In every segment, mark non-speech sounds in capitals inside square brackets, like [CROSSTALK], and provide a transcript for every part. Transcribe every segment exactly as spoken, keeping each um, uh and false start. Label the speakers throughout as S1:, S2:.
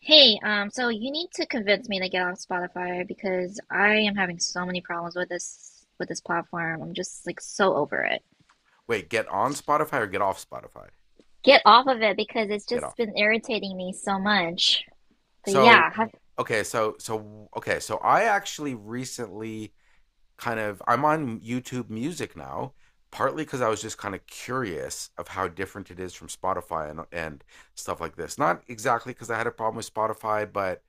S1: Hey, um, so you need to convince me to get off Spotify because I am having so many problems with this with this platform. I'm just like so over it.
S2: Wait, get on Spotify or get off Spotify?
S1: Get off of it because it's
S2: Get
S1: just
S2: off.
S1: been irritating me so much. But yeah,
S2: So
S1: have,
S2: okay, so so okay, so I actually recently kind of I'm on YouTube Music now, partly because I was just kind of curious of how different it is from Spotify and and stuff like this. Not exactly because I had a problem with Spotify, but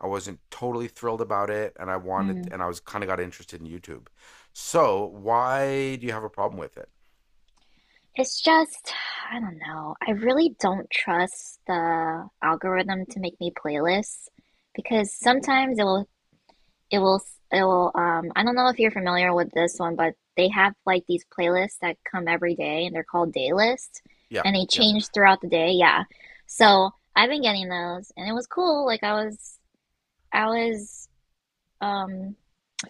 S2: I wasn't totally thrilled about it, and I wanted
S1: mm,
S2: and I was kind of got interested in YouTube. So why do you have a problem with it?
S1: it's just I don't know. I really don't trust the algorithm to make me playlists because sometimes it will it will it will um I don't know if you're familiar with this one, but they have like these playlists that come every day and they're called day list,
S2: Yeah,
S1: and they
S2: yeah.
S1: change throughout the day. Yeah. So I've been getting those and it was cool. Like I was I was um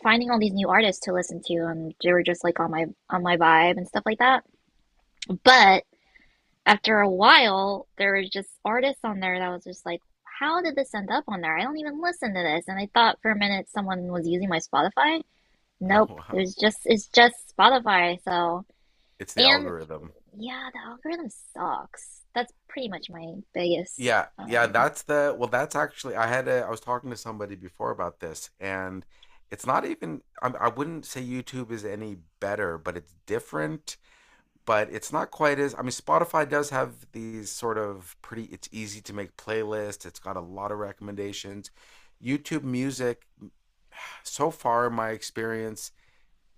S1: finding all these new artists to listen to and they were just like on my on my vibe and stuff like that. But after a while there was just artists on there that was just like, how did this end up on there? I don't even listen to this. And I thought for a minute someone was using my Spotify.
S2: Oh
S1: Nope. It
S2: wow,
S1: was just it's just Spotify, so
S2: it's the
S1: and
S2: algorithm.
S1: yeah, the algorithm sucks. That's pretty much my biggest
S2: Yeah, yeah,
S1: um
S2: that's the well, that's actually I had a I was talking to somebody before about this and it's not even I, I wouldn't say YouTube is any better, but it's different, but it's not quite as I mean Spotify does have these sort of pretty it's easy to make playlists, it's got a lot of recommendations. YouTube Music [SIGHS] so far in my experience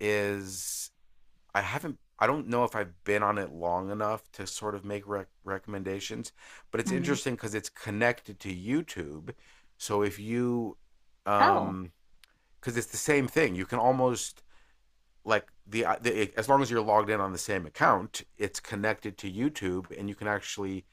S2: is I haven't. I don't know if I've been on it long enough to sort of make rec- recommendations, but it's
S1: mm.
S2: interesting because it's connected to YouTube. So if you,
S1: Oh,
S2: um, because it's the same thing, you can almost like the, uh, the as long as you're logged in on the same account, it's connected to YouTube, and you can actually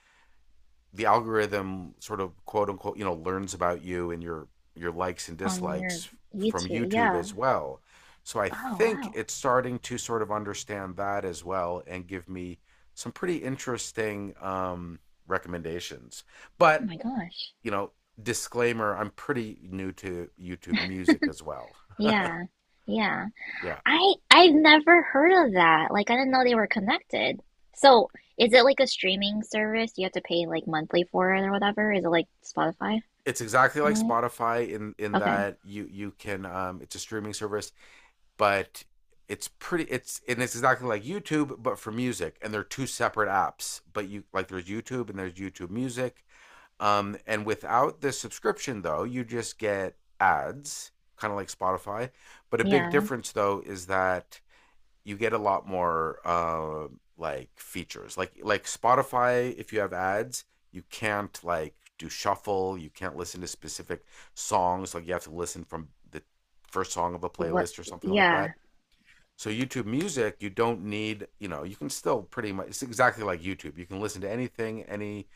S2: the algorithm sort of quote unquote you know learns about you and your your likes and
S1: on your
S2: dislikes from
S1: YouTube.
S2: YouTube
S1: Yeah.
S2: as well. So I
S1: Oh
S2: think
S1: wow.
S2: it's starting to sort of understand that as well and give me some pretty interesting um, recommendations.
S1: Oh
S2: But
S1: my gosh.
S2: you know, Disclaimer: I'm pretty new to YouTube Music as well.
S1: Yeah. Yeah.
S2: Yeah,
S1: I I've never heard of that. Like I didn't know they were connected. So is it like a streaming service? You have to pay like monthly for it or whatever? Is it like Spotify
S2: it's exactly
S1: in
S2: like
S1: a way?
S2: Spotify in in
S1: Okay.
S2: that you you can um, it's a streaming service but it's pretty it's and it's exactly like YouTube but for music and they're two separate apps but you like there's YouTube and there's YouTube Music, um and without the subscription though you just get ads kind of like Spotify, but a big
S1: Yeah.
S2: difference though is that you get a lot more uh, like features like like Spotify, if you have ads you can't like do shuffle, you can't listen to specific songs, like you have to listen from the first song of a
S1: What,
S2: playlist or something like
S1: yeah.
S2: that. So YouTube Music, you don't need, you know, you can still pretty much it's exactly like YouTube. You can listen to anything, any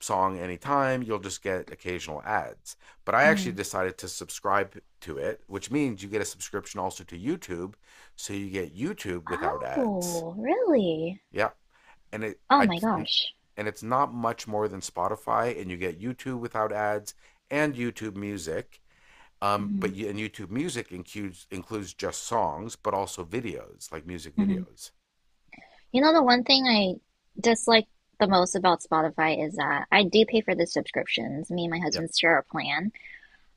S2: song, anytime. You'll just get occasional ads. But I actually
S1: Hmm.
S2: decided to subscribe to it, which means you get a subscription also to YouTube, so you get YouTube without ads.
S1: Oh, really?
S2: Yeah, and it
S1: Oh
S2: I
S1: my gosh.
S2: and it's not much more than Spotify, and you get YouTube without ads and YouTube Music. Um,
S1: Hmm.
S2: but you, and YouTube Music includes includes just songs, but also videos, like music
S1: Hmm.
S2: videos.
S1: You know, the one thing I dislike the most about Spotify is that I do pay for the subscriptions. Me and my
S2: Yeah.
S1: husband share a plan,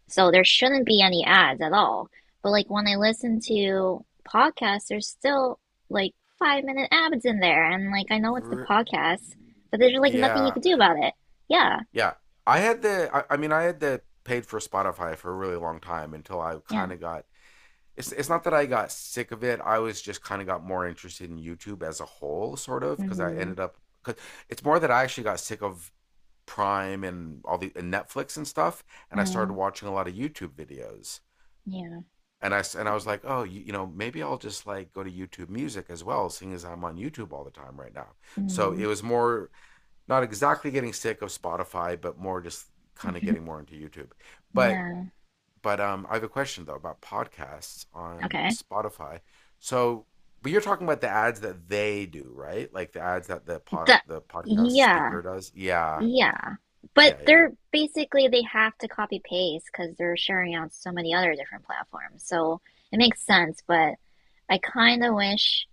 S1: so there shouldn't be any ads at all. But like when I listen to podcasts, there's still like five minute ads in there, and like I know it's the
S2: R-
S1: podcast, but there's like nothing you
S2: yeah,
S1: can do about it. Yeah,
S2: yeah. I had the. I, I mean, I had the paid for Spotify for a really long time until I
S1: yeah.
S2: kind of got. It's it's not that I got sick of it. I was just kind of got more interested in YouTube as a whole, sort of, because I
S1: Hmm.
S2: ended up. Cause it's more that I actually got sick of Prime and all the and Netflix and stuff, and I started
S1: Mm.
S2: watching a lot of YouTube videos.
S1: Yeah.
S2: And I and I was like, oh, you, you know, maybe I'll just like go to YouTube Music as well, seeing as I'm on YouTube all the time right now. So
S1: Hmm.
S2: it was more not exactly getting sick of Spotify, but more just kind of getting more into YouTube. But
S1: Yeah.
S2: but um, I have a question though about podcasts on
S1: Okay.
S2: Spotify. So, but you're talking about the ads that they do, right? Like the ads that the pod
S1: The
S2: the podcast
S1: yeah,
S2: speaker does. Yeah,
S1: yeah. But
S2: yeah, yeah,
S1: they're basically they have to copy paste because they're sharing on so many other different platforms. So it makes sense, but I kind of wish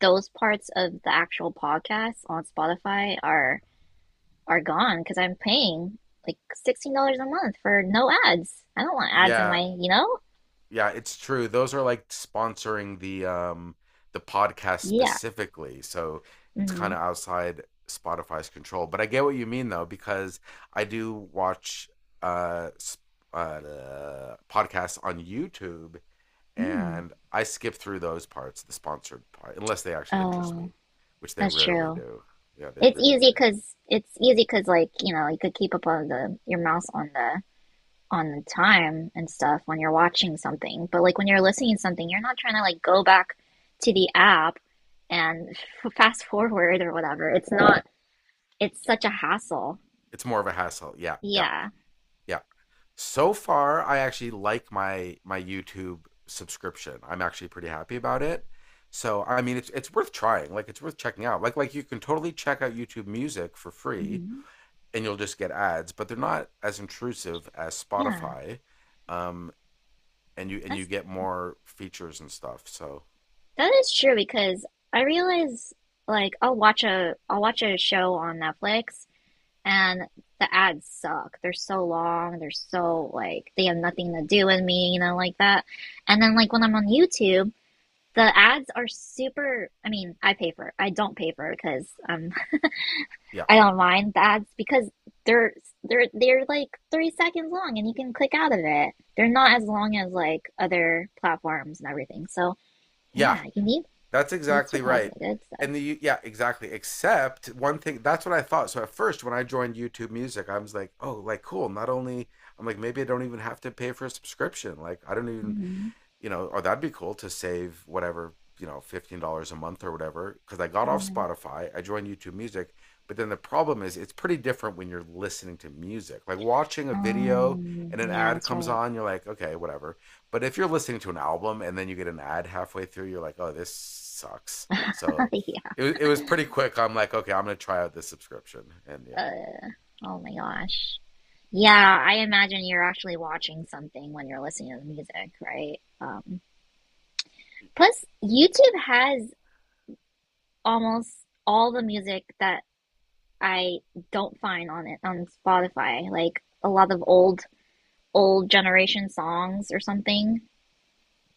S1: those parts of the actual podcast on Spotify are are gone because I'm paying like sixteen dollars a month for no ads. I don't want ads in
S2: yeah,
S1: my, you know?
S2: yeah, it's true. Those are like sponsoring the um the podcast
S1: Yeah.
S2: specifically. So it's kind
S1: Mm.
S2: of outside Spotify's control. But I get what you mean though because I do watch uh, s- uh, uh podcasts on YouTube
S1: Mm.
S2: and I skip through those parts, the sponsored part, unless they actually interest
S1: Oh,
S2: me, which they
S1: that's
S2: rarely
S1: true.
S2: do. Yeah, they
S1: It's
S2: rarely
S1: easy
S2: do.
S1: because it's easy because like you know you could keep up on the your mouse on the on the time and stuff when you're watching something. But like when you're listening to something, you're not trying to like go back to the app and f- fast [LAUGHS] forward or whatever. It's not, it's such a hassle.
S2: It's more of a hassle. Yeah, yeah,
S1: Yeah.
S2: yeah. So far, I actually like my my YouTube subscription. I'm actually pretty happy about it. So I mean, it's it's worth trying. Like it's worth checking out. Like like you can totally check out YouTube Music for free,
S1: Hmm.
S2: and you'll just get ads, but they're not as intrusive as
S1: Yeah.
S2: Spotify, um, and you and you
S1: That's,
S2: get more features and stuff. So
S1: that is true because I realize like I'll watch a, I'll watch a show on Netflix and the ads suck. They're so long. They're so like, they have nothing to do with me, you know, like that. And then like when I'm on YouTube, the ads are super. I mean, I pay for. I don't pay for because um,
S2: yeah,
S1: [LAUGHS] I don't mind the ads because they're they're they're like three seconds long and you can click out of it. They're not as long as like other platforms and everything. So
S2: yeah.
S1: yeah, you need
S2: That's exactly
S1: YouTube has the
S2: right.
S1: good stuff.
S2: And the yeah, exactly. Except one thing, that's what I thought. So at first, when I joined YouTube Music, I was like, oh, like cool. Not only I'm like maybe I don't even have to pay for a subscription. Like I don't even
S1: Hmm.
S2: you know, or that'd be cool to save whatever, you know, fifteen dollars a month or whatever. Cause I got off
S1: Yeah.
S2: Spotify, I joined YouTube Music. But then the problem is it's pretty different when you're listening to music. Like watching a video
S1: Um,
S2: and an
S1: yeah,
S2: ad
S1: that's
S2: comes
S1: right.
S2: on, you're like, okay, whatever. But if you're listening to an album and then you get an ad halfway through, you're like, oh, this sucks.
S1: [LAUGHS]
S2: So
S1: Yeah.
S2: it, it was pretty quick. I'm like, okay, I'm going to try out this subscription. And yeah.
S1: Uh, oh my gosh. Yeah, I imagine you're actually watching something when you're listening to the music, right? Um, plus YouTube has almost all the music that I don't find on it on Spotify, like a lot of old old generation songs or something.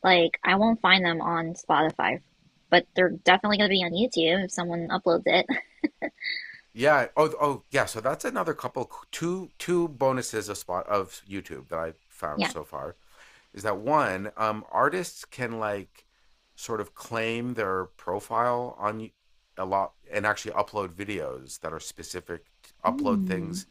S1: Like I won't find them on Spotify, but they're definitely gonna be on YouTube if someone uploads it. [LAUGHS]
S2: Yeah. Oh, oh, yeah. So that's another couple, two, two bonuses of spot of YouTube that I found
S1: Yeah.
S2: so far, is that one, um, artists can like sort of claim their profile on a lot and actually upload videos that are specific upload
S1: Mm.
S2: things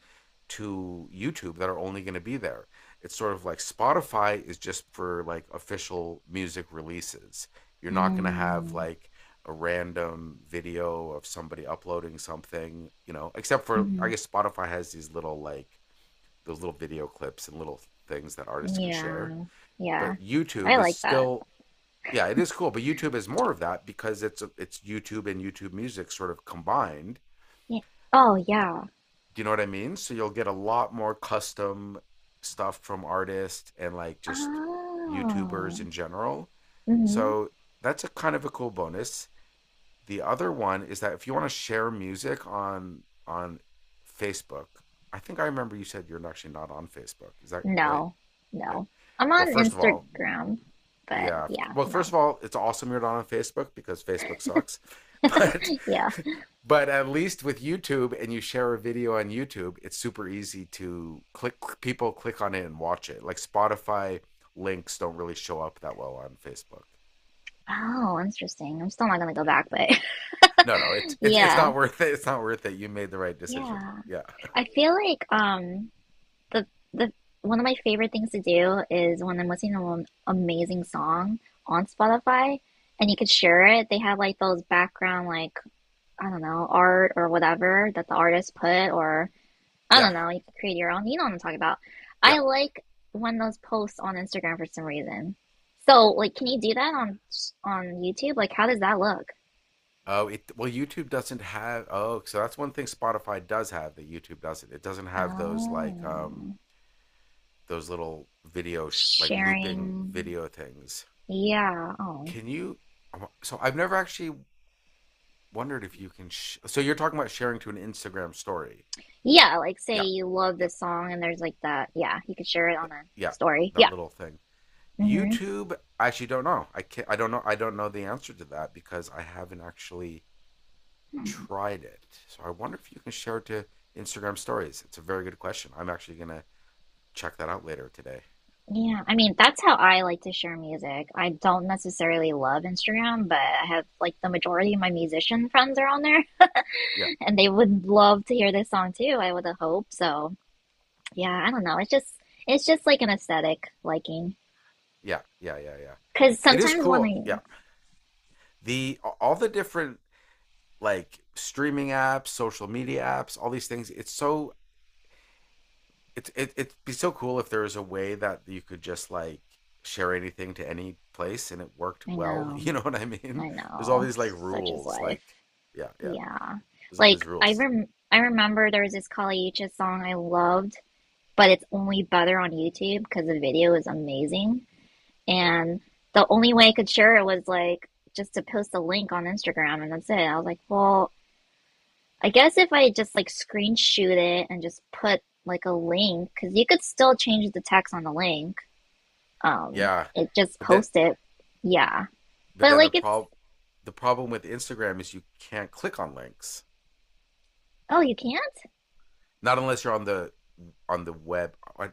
S2: to YouTube that are only going to be there. It's sort of like Spotify is just for like official music releases. You're not going to have
S1: Mm.
S2: like a random video of somebody uploading something, you know, except for I
S1: Mm.
S2: guess Spotify has these little like those little video clips and little things that artists can share,
S1: Yeah. Yeah.
S2: but
S1: I
S2: YouTube is
S1: like that.
S2: still yeah, it is cool, but YouTube is more of that because it's it's YouTube and YouTube Music sort of combined.
S1: Yeah. Oh yeah.
S2: Do you know what I mean? So you'll get a lot more custom stuff from artists and like just YouTubers
S1: Oh.
S2: in general.
S1: Mm-hmm.
S2: So that's a kind of a cool bonus. The other one is that if you want to share music on on Facebook, I think I remember you said you're actually not on Facebook. Is that right?
S1: No.
S2: Yeah.
S1: No. I'm
S2: Well,
S1: on
S2: first of all,
S1: Instagram, but
S2: yeah.
S1: yeah,
S2: Well, first
S1: no.
S2: of all, it's awesome you're not on Facebook because Facebook sucks. But
S1: Yeah.
S2: [LAUGHS] but at least with YouTube and you share a video on YouTube, it's super easy to click people click on it and watch it. Like Spotify links don't really show up that well on Facebook.
S1: Oh, interesting. I'm still not gonna go
S2: Yeah.
S1: back, but
S2: No, no, it,
S1: [LAUGHS]
S2: it it's
S1: yeah,
S2: not worth it. It's not worth it. You made the right decision.
S1: yeah.
S2: Yeah. [LAUGHS]
S1: I feel like um the the one of my favorite things to do is when I'm listening to an amazing song on Spotify and you could share it. They have like those background like, I don't know, art or whatever that the artist put, or I
S2: Yeah.
S1: don't know, you could create your own. You know what I'm talking about.
S2: Yeah.
S1: I like when those posts on Instagram for some reason. So, like, can you do that on on YouTube? Like, how does that look?
S2: Oh, it well YouTube doesn't have oh, so that's one thing Spotify does have that YouTube doesn't. It doesn't have those like um
S1: Oh,
S2: those little video sh- like looping
S1: sharing.
S2: video things.
S1: Yeah. Oh,
S2: Can you? So I've never actually wondered if you can. Sh- so you're talking about sharing to an Instagram story.
S1: yeah. Like, say
S2: Yeah,
S1: you love
S2: yeah,
S1: this song, and there's like that. Yeah, you could share it on
S2: th-
S1: a
S2: yeah.
S1: story.
S2: That
S1: Yeah.
S2: little thing.
S1: Mm-hmm.
S2: YouTube. I actually don't know. I can't. I don't know. I don't know the answer to that because I haven't actually
S1: Hmm.
S2: tried it. So I wonder if you can share it to Instagram stories. It's a very good question. I'm actually gonna check that out later today.
S1: Yeah. I mean, that's how I like to share music. I don't necessarily love Instagram, but I have like the majority of my musician friends are on there,
S2: Yeah,
S1: [LAUGHS] and they would love to hear this song too. I would hope so. Yeah. I don't know. It's just, it's just like an aesthetic liking.
S2: yeah, yeah, yeah, yeah.
S1: Because
S2: It is
S1: sometimes when
S2: cool. Yeah.
S1: I,
S2: The all the different like streaming apps, social media apps, all these things. It's so it's it, it'd be so cool if there was a way that you could just like share anything to any place and it worked
S1: I
S2: well. [LAUGHS]
S1: know.
S2: You know what I mean?
S1: I
S2: There's all
S1: know,
S2: these like
S1: such is
S2: rules,
S1: life.
S2: like yeah, yeah.
S1: Yeah.
S2: There's all
S1: Like
S2: these
S1: I
S2: rules,
S1: rem I remember there was this Kali Uchis song I loved, but it's only better on YouTube because the video is amazing.
S2: right?
S1: And the only way I could share it was like just to post a link on Instagram and that's it. I was like, well, I guess if I just like screenshot it and just put like a link, because you could still change the text on the link. Um,
S2: Yeah,
S1: it just
S2: but that
S1: post it. Yeah.
S2: but
S1: But
S2: then the
S1: like it's
S2: problem the problem with Instagram is you can't click on links,
S1: oh, you can?
S2: not unless you're on the on the web on,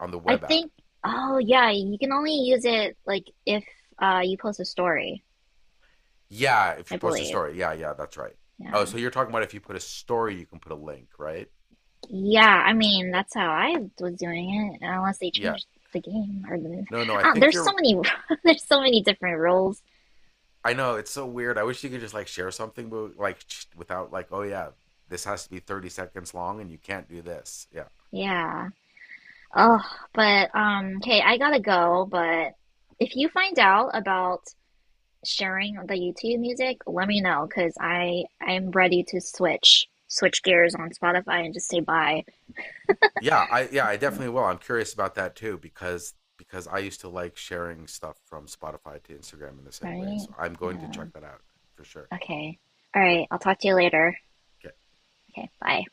S2: on the
S1: I
S2: web app.
S1: think, oh yeah, you can only use it like if uh you post a story,
S2: Yeah, if
S1: I
S2: you post a
S1: believe.
S2: story. Yeah, yeah, that's right. Oh,
S1: Yeah.
S2: so you're talking about if you put a story, you can put a link, right?
S1: Yeah, I mean,
S2: Yeah.
S1: that's how I was doing it, unless they
S2: Yeah.
S1: changed the game or the
S2: No, no, I
S1: uh,
S2: think
S1: there's so
S2: you're
S1: many [LAUGHS] there's so many different rules.
S2: I know it's so weird. I wish you could just like share something but like sh- without like, oh yeah, this has to be thirty seconds long and you can't do this. Yeah.
S1: Yeah. Oh, but um okay, I gotta go, but if you find out about sharing the YouTube music, let me know because I I'm ready to switch switch gears on Spotify and just say bye,
S2: Yeah, I yeah, I definitely will. I'm curious about that too because because I used to like sharing stuff from Spotify to Instagram in the same way.
S1: right?
S2: So I'm going to
S1: Yeah.
S2: check that out for sure.
S1: Okay. All
S2: Cool.
S1: right. I'll talk to you later.
S2: Okay.
S1: Okay. Bye.